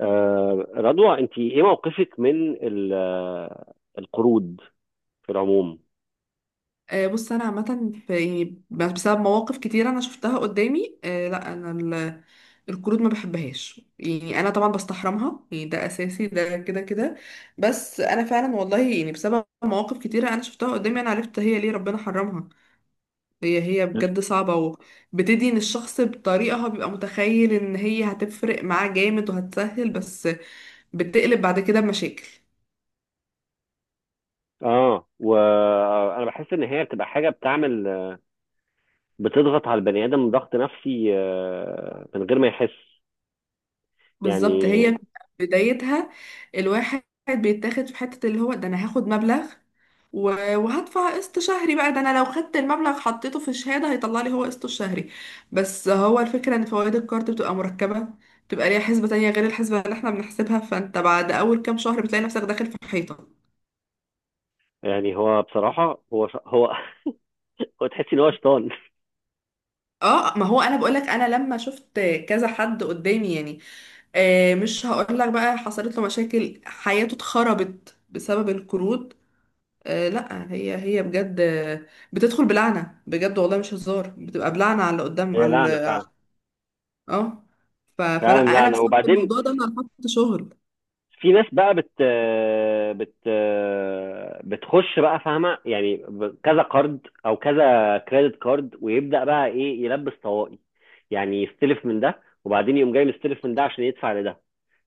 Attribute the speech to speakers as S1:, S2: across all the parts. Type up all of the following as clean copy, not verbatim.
S1: رضوى، انت ايه موقفك من القروض في العموم؟
S2: بص انا عامه في يعني بسبب مواقف كتير انا شفتها قدامي، لا انا القروض ما بحبهاش، يعني انا طبعا بستحرمها، يعني ده اساسي ده كده كده. بس انا فعلا والله يعني بسبب مواقف كتيره انا شفتها قدامي انا عرفت هي ليه ربنا حرمها. هي بجد صعبه، وبتدين الشخص بطريقه هو بيبقى متخيل ان هي هتفرق معاه جامد وهتسهل، بس بتقلب بعد كده بمشاكل.
S1: اه، وانا بحس ان هي بتبقى حاجه بتضغط على البني ادم ضغط نفسي من غير ما يحس،
S2: بالظبط،
S1: يعني.
S2: هي بدايتها الواحد بيتاخد في حتة اللي هو ده انا هاخد مبلغ وهدفع قسط شهري، بقى ده انا لو خدت المبلغ حطيته في شهادة هيطلع لي هو قسطه الشهري. بس هو الفكرة ان فوائد الكارت بتبقى مركبة، بتبقى ليها حسبة تانية غير الحسبة اللي احنا بنحسبها، فانت بعد اول كام شهر بتلاقي نفسك داخل في حيطة.
S1: يعني هو بصراحه، هو هو، تحس ان هو شيطان.
S2: اه ما هو انا بقولك انا لما شفت كذا حد قدامي، يعني مش هقولك بقى، حصلت له مشاكل، حياته اتخربت بسبب القروض. آه لا هي بجد، بتدخل بلعنة بجد والله مش هزار، بتبقى بلعنة على اللي قدام
S1: هي
S2: على
S1: لعنة فعلا.
S2: اه. فلا
S1: فعلا. لا
S2: انا
S1: انا،
S2: بسبب
S1: وبعدين
S2: الموضوع ده انا رفضت شغل.
S1: في ناس بقى بت بت بتخش بقى، فاهمه؟ يعني كذا كارد او كذا كريدت كارد، ويبدا بقى ايه؟ يلبس طواقي. يعني يستلف من ده، وبعدين يقوم جاي مستلف من ده عشان يدفع لده.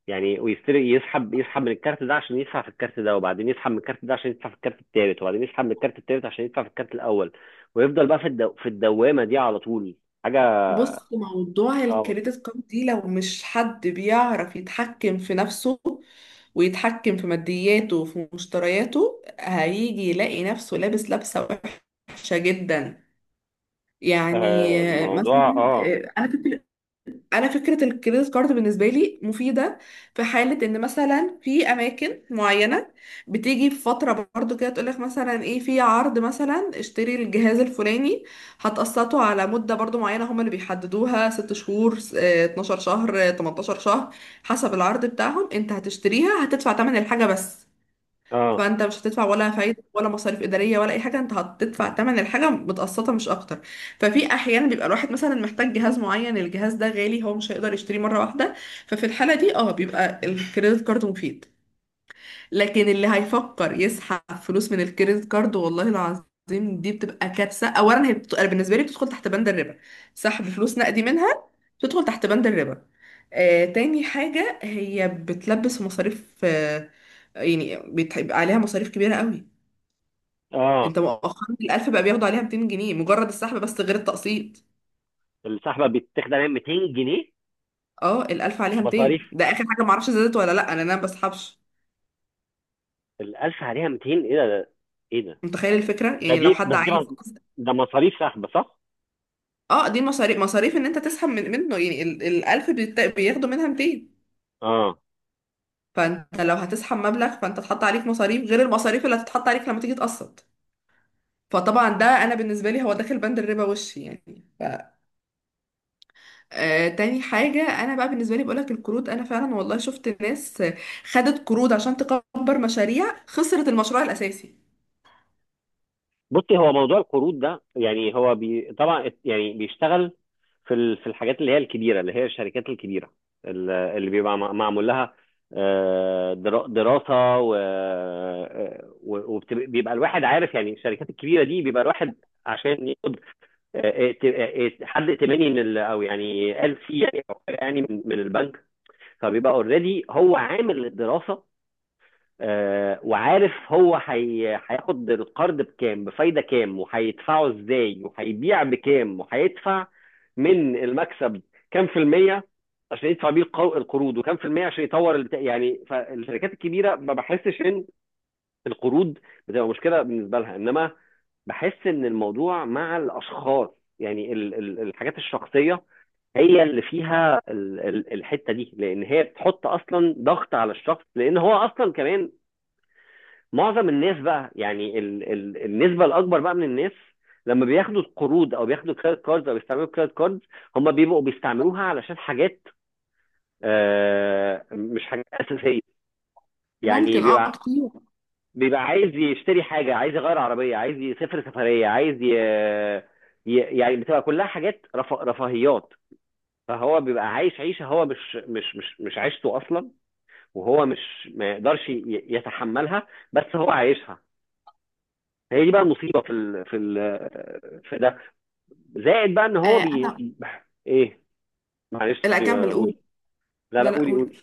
S1: يعني ويستلف، يسحب من الكارت ده عشان يدفع في الكارت ده، وبعدين يسحب من الكارت ده عشان يدفع في الكارت التالت، وبعدين يسحب من الكارت التالت عشان يدفع في الكارت الاول. ويفضل بقى في الدوامه دي على طول. حاجه
S2: بص موضوع
S1: صعبه.
S2: الكريدت كارد دي لو مش حد بيعرف يتحكم في نفسه ويتحكم في مادياته وفي مشترياته، هيجي يلاقي نفسه لابس لبسة وحشة جدا، يعني.
S1: آه، الموضوع.
S2: مثلا
S1: اه.
S2: انا كنت، انا فكره الكريدت كارد بالنسبه لي مفيده في حاله ان مثلا في اماكن معينه بتيجي في فتره برضو كده تقول لك مثلا ايه في عرض، مثلا اشتري الجهاز الفلاني هتقسطه على مده برضو معينه هم اللي بيحددوها، 6 شهور 12 شهر 18 شهر، حسب العرض بتاعهم. انت هتشتريها هتدفع ثمن الحاجه بس،
S1: اه.
S2: فانت مش هتدفع ولا فايده ولا مصاريف اداريه ولا اي حاجه، انت هتدفع تمن الحاجه متقسطه مش اكتر. ففي احيانا بيبقى الواحد مثلا محتاج جهاز معين، الجهاز ده غالي هو مش هيقدر يشتريه مره واحده، ففي الحاله دي اه بيبقى الكريدت كارد مفيد. لكن اللي هيفكر يسحب فلوس من الكريدت كارد، والله العظيم دي بتبقى كارثة. اولا هي أنا بالنسبة لي بتدخل تحت بند الربا، سحب فلوس نقدي منها بتدخل تحت بند الربا. تاني حاجة هي بتلبس في مصاريف، يعني بيبقى عليها مصاريف كبيرة قوي.
S1: اه.
S2: انت مؤخرا الألف بقى بياخدوا عليها 200 جنيه، مجرد السحب بس غير التقسيط.
S1: السحبه بتاخد عليها 200 جنيه؟
S2: اه الألف عليها 200،
S1: مصاريف؟
S2: ده آخر حاجة معرفش زادت ولا لأ، أنا ما بسحبش.
S1: ال 1000 عليها 200؟ إيه إيه ده؟
S2: متخيل الفكرة،
S1: ده
S2: يعني لو
S1: دي
S2: حد
S1: بس دي
S2: عايز.
S1: مص- ده مصاريف سحب، صح؟
S2: اه دي مصاريف، مصاريف ان انت تسحب من منه، يعني الالف بياخدوا منها 200.
S1: اه.
S2: فانت لو هتسحب مبلغ فانت اتحط عليك مصاريف غير المصاريف اللي هتتحط عليك لما تيجي تقسط. فطبعا ده انا بالنسبه لي هو داخل بند الربا وش يعني آه تاني حاجه انا بقى بالنسبه لي بقولك، القروض انا فعلا والله شفت ناس خدت قروض عشان تكبر مشاريع خسرت المشروع الاساسي.
S1: بصي، هو موضوع القروض ده، يعني هو بي طبعا، يعني بيشتغل في الحاجات اللي هي الكبيره، اللي هي الشركات الكبيره، اللي بيبقى معمول لها دراسه و... وبيبقى الواحد عارف، يعني الشركات الكبيره دي، بيبقى الواحد عشان ياخد حد ائتماني من او يعني، قال فيه، يعني، أو حاجة، يعني، من البنك. فبيبقى اوريدي هو عامل الدراسه، وعارف هو هياخد القرض بكام، بفايده كام، وهيدفعه ازاي، وهيبيع بكام، وهيدفع من المكسب كام في الميه عشان يدفع بيه القروض، وكام في الميه عشان يطور البتاع، يعني. فالشركات الكبيره ما بحسش ان القروض بتبقى مشكله بالنسبه لها، انما بحس ان الموضوع مع الاشخاص، يعني الحاجات الشخصيه، هي اللي فيها الحته دي، لان هي بتحط اصلا ضغط على الشخص، لان هو اصلا كمان، معظم الناس بقى، يعني النسبه الاكبر بقى من الناس، لما بياخدوا القروض او بياخدوا كريدت كاردز او بيستعملوا كريدت كاردز، هم بيبقوا بيستعملوها علشان حاجات مش حاجات اساسيه، يعني
S2: ممكن اه كتير.
S1: بيبقى عايز يشتري حاجة، عايز يغير عربية، عايز يسافر سفرية، عايز يعني بتبقى كلها حاجات رفاهيات. فهو بيبقى عايش عيشة هو مش عيشته أصلا، وهو مش ما يقدرش يتحملها، بس هو عايشها. هي دي بقى المصيبة في ده. زائد بقى إن
S2: آه
S1: هو
S2: انا.
S1: إيه؟ معلش،
S2: لا
S1: سوري،
S2: اكمل قول.
S1: قولي. لا لا،
S2: لا لا
S1: قولي
S2: قول.
S1: قولي.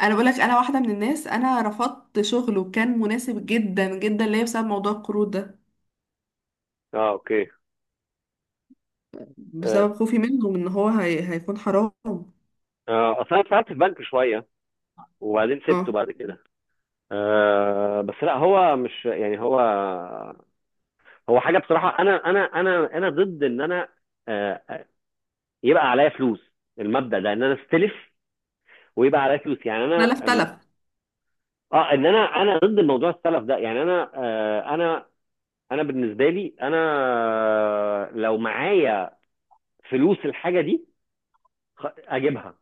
S2: انا بقولك انا واحده من الناس انا رفضت شغل وكان مناسب جدا جدا ليا بسبب موضوع القروض ده،
S1: اه، اوكي. اه.
S2: بسبب خوفي منهم ان هو هيكون حرام.
S1: اصل انا اشتغلت في بنك شويه، وبعدين سبته
S2: اه
S1: بعد كده. بس لا، هو مش يعني هو هو حاجه بصراحه، انا انا ضد ان انا آه يبقى عليا فلوس. المبدا ده ان انا استلف ويبقى عليا فلوس، يعني انا
S2: تلف تلف.
S1: اه، ان انا ضد موضوع السلف ده، يعني انا، انا بالنسبه لي انا، لو معايا فلوس الحاجه دي اجيبها.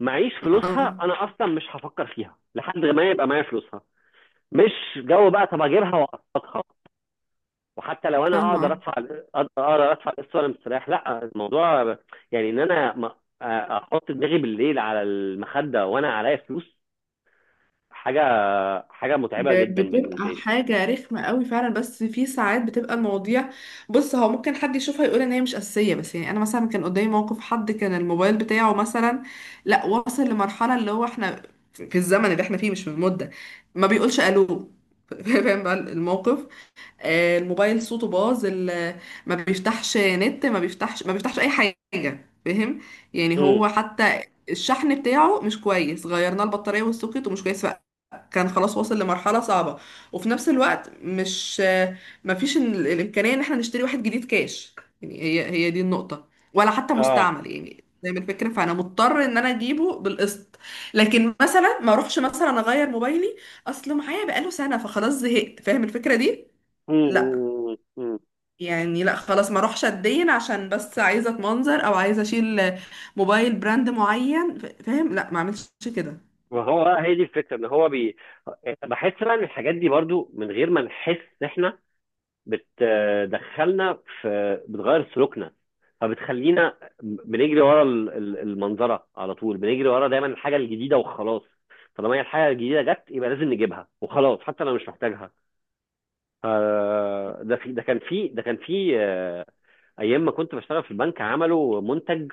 S1: معيش فلوسها،
S2: اه
S1: انا اصلا مش هفكر فيها لحد ما يبقى معايا فلوسها. مش جو بقى طب اجيبها واقسطها. وحتى لو انا
S2: فاهمه اه.
S1: اقدر ادفع القسط وانا مستريح، لا. الموضوع، يعني، ان انا احط دماغي بالليل على المخده وانا عليا فلوس، حاجه حاجه متعبه جدا
S2: بتبقى
S1: بالنسبه لي.
S2: حاجه رخمه قوي فعلا، بس في ساعات بتبقى المواضيع، بص هو ممكن حد يشوفها يقول ان هي مش اساسيه. بس يعني انا مثلا كان قدامي موقف، حد كان الموبايل بتاعه مثلا، لا وصل لمرحله اللي هو احنا في الزمن اللي احنا فيه مش في المده ما بيقولش الو فاهم بقى الموقف. الموبايل صوته باظ ما بيفتحش نت، ما بيفتحش اي حاجه، فاهم، يعني
S1: امم.
S2: هو حتى الشحن بتاعه مش كويس، غيرنا البطاريه والسوكت ومش كويس، كان خلاص واصل لمرحله صعبه. وفي نفس الوقت مش ما فيش الامكانيه ان احنا نشتري واحد جديد كاش، يعني هي دي النقطه. ولا حتى
S1: اه.
S2: مستعمل، يعني زي ما الفكره، فانا مضطر ان انا اجيبه بالقسط. لكن مثلا ما اروحش مثلا اغير موبايلي، اصله معايا بقاله سنه فخلاص زهقت، فاهم الفكره دي.
S1: امم.
S2: لا
S1: امم.
S2: يعني لا خلاص، ما اروحش اتدين عشان بس عايزه اتمنظر او عايزه اشيل موبايل براند معين، فاهم، لا ما اعملش كده.
S1: وهو بقى، هي دي الفكره، ان هو بي بحس بقى ان الحاجات دي برضو، من غير ما نحس احنا، بتدخلنا في، بتغير سلوكنا. فبتخلينا بنجري ورا المنظره على طول، بنجري ورا دايما الحاجه الجديده وخلاص. طالما هي الحاجه الجديده جت، يبقى لازم نجيبها وخلاص، حتى لو مش محتاجها. آه، ده في ده كان في ده كان في ايام ما كنت بشتغل في البنك، عملوا منتج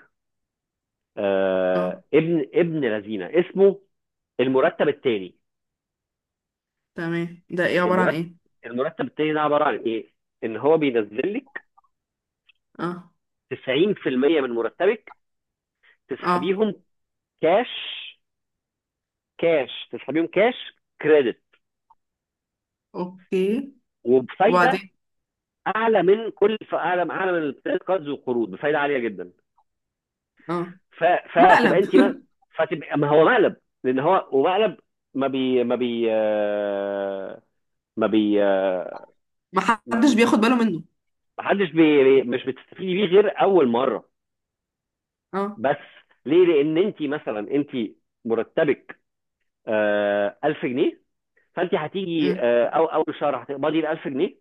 S2: اه
S1: ابن لذينه، اسمه المرتب الثاني.
S2: تمام، ده ايه عباره عن
S1: المرتب
S2: ايه؟
S1: المرتب الثاني ده عباره عن ايه؟ ان هو بينزل لك
S2: اه،
S1: 90% من مرتبك،
S2: اه،
S1: تسحبيهم كاش. تسحب يوم كاش كريدت،
S2: اوكي،
S1: وبفايده
S2: وبعدين،
S1: اعلى من كل اعلى اعلى من الكريدت كاردز والقروض، بفايده عاليه جدا.
S2: اه،
S1: ف... فتبقى
S2: مقلب
S1: انت ما... فتبقى، ما هو مقلب. لان هو ومقلب، ما بي ما بي آه، ما بي آه،
S2: ما حدش
S1: ما
S2: بياخد باله منه،
S1: حدش مش بتستفيدي بيه غير اول مره
S2: اه،
S1: بس. ليه؟ لان انت مثلا، مرتبك 1000 جنيه. فانت هتيجي
S2: امم،
S1: او اول شهر هتقبضي ال 1000 جنيه.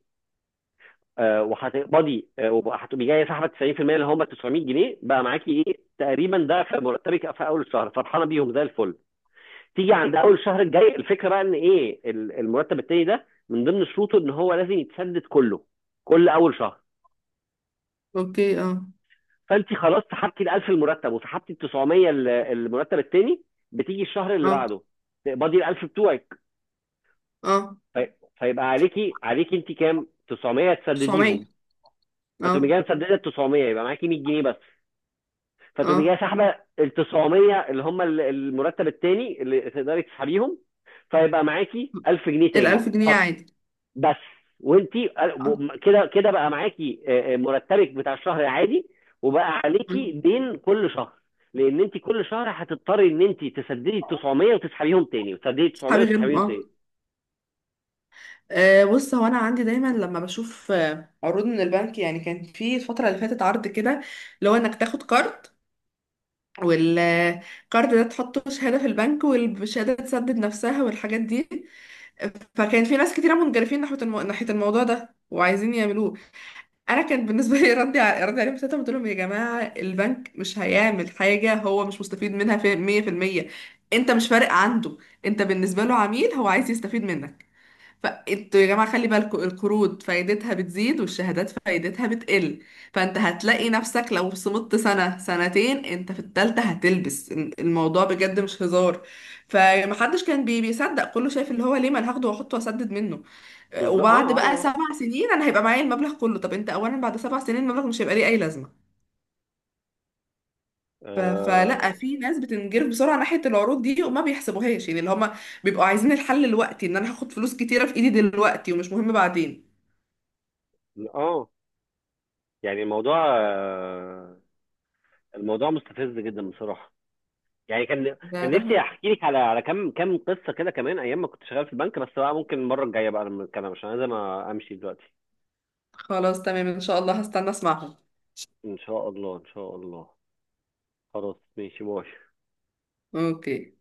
S1: آه، وهتقبضي آه، وهتبقي جايه سحبه 90% اللي هم 900 جنيه. بقى معاكي ايه تقريبا ده في مرتبك في اول الشهر، فرحانه بيهم زي الفل. تيجي عند اول الشهر الجاي، الفكره بقى ان ايه؟ المرتب التاني ده، من ضمن شروطه ان هو لازم يتسدد كله كل اول شهر.
S2: اوكي، اه،
S1: فانت خلاص سحبتي ال 1000 المرتب، وسحبتي ال 900 المرتب التاني. بتيجي الشهر اللي
S2: اه،
S1: بعده، تقبضي ال 1000 بتوعك.
S2: اه،
S1: في- فيبقى عليكي انت كام؟ 900 تسدديهم.
S2: 900،
S1: فتقومي
S2: اه،
S1: جايه مسدده ال 900، يبقى معاكي 100 جنيه بس. فتقومي جايه
S2: اه،
S1: سحبه ال 900، اللي هم المرتب التاني اللي تقدري تسحبيهم. فيبقى معاكي 1000 جنيه تاني
S2: الألف جنيه
S1: فقط
S2: عادي،
S1: بس. وانتي
S2: اه،
S1: كده كده بقى معاكي مرتبك بتاع الشهر العادي، وبقى عليكي
S2: أمم.
S1: دين كل شهر. لان انت كل شهر هتضطري ان انت تسددي 900 وتسحبيهم تاني، وتسددي 900
S2: صحابي غيرهم
S1: وتسحبيهم
S2: اه.
S1: تاني.
S2: أه بص هو انا عندي دايما لما بشوف عروض من البنك، يعني كان في الفتره اللي فاتت عرض كده، اللي هو انك تاخد كارد والكارد ده تحطه شهاده في البنك والشهاده تسدد نفسها والحاجات دي. فكان في ناس كتيره منجرفين ناحيه ناحيه الموضوع ده وعايزين يعملوه. انا كان بالنسبه لي ردي ردي عليهم ساعتها، قلت لهم يا جماعه البنك مش هيعمل حاجه، هو مش مستفيد منها في 100%. انت مش فارق عنده، انت بالنسبه له عميل هو عايز يستفيد منك. فانتوا يا جماعة خلي بالكم، القروض فايدتها بتزيد والشهادات فايدتها بتقل، فانت هتلاقي نفسك لو صمدت سنة سنتين انت في التالتة هتلبس الموضوع بجد مش هزار. فمحدش كان بي بيصدق، كله شايف اللي هو ليه، ما أنا هاخده واحطه واسدد منه
S1: بالظبط. اه.
S2: وبعد بقى
S1: اه.
S2: 7 سنين انا هيبقى معايا المبلغ كله. طب انت اولا بعد 7 سنين المبلغ مش هيبقى ليه اي لازمة. فلا
S1: اه.
S2: في ناس بتنجرف بسرعه ناحيه العروض دي وما بيحسبوهاش، يعني اللي هما بيبقوا عايزين الحل دلوقتي، ان انا هاخد فلوس كتيره في ايدي دلوقتي ومش مهم بعدين.
S1: اه. يعني الموضوع، الموضوع مستفز جدا بصراحة. يعني
S2: ده
S1: كان
S2: ده
S1: نفسي احكي لك على كم قصه كده كمان، ايام ما كنت شغال في البنك، بس بقى ممكن المره الجايه بقى لما نتكلم، عشان لازم امشي دلوقتي.
S2: خلاص تمام، ان شاء الله هستنى اسمعهم.
S1: ان شاء الله، ان شاء الله. خلاص، ماشي، باي.
S2: اوكي.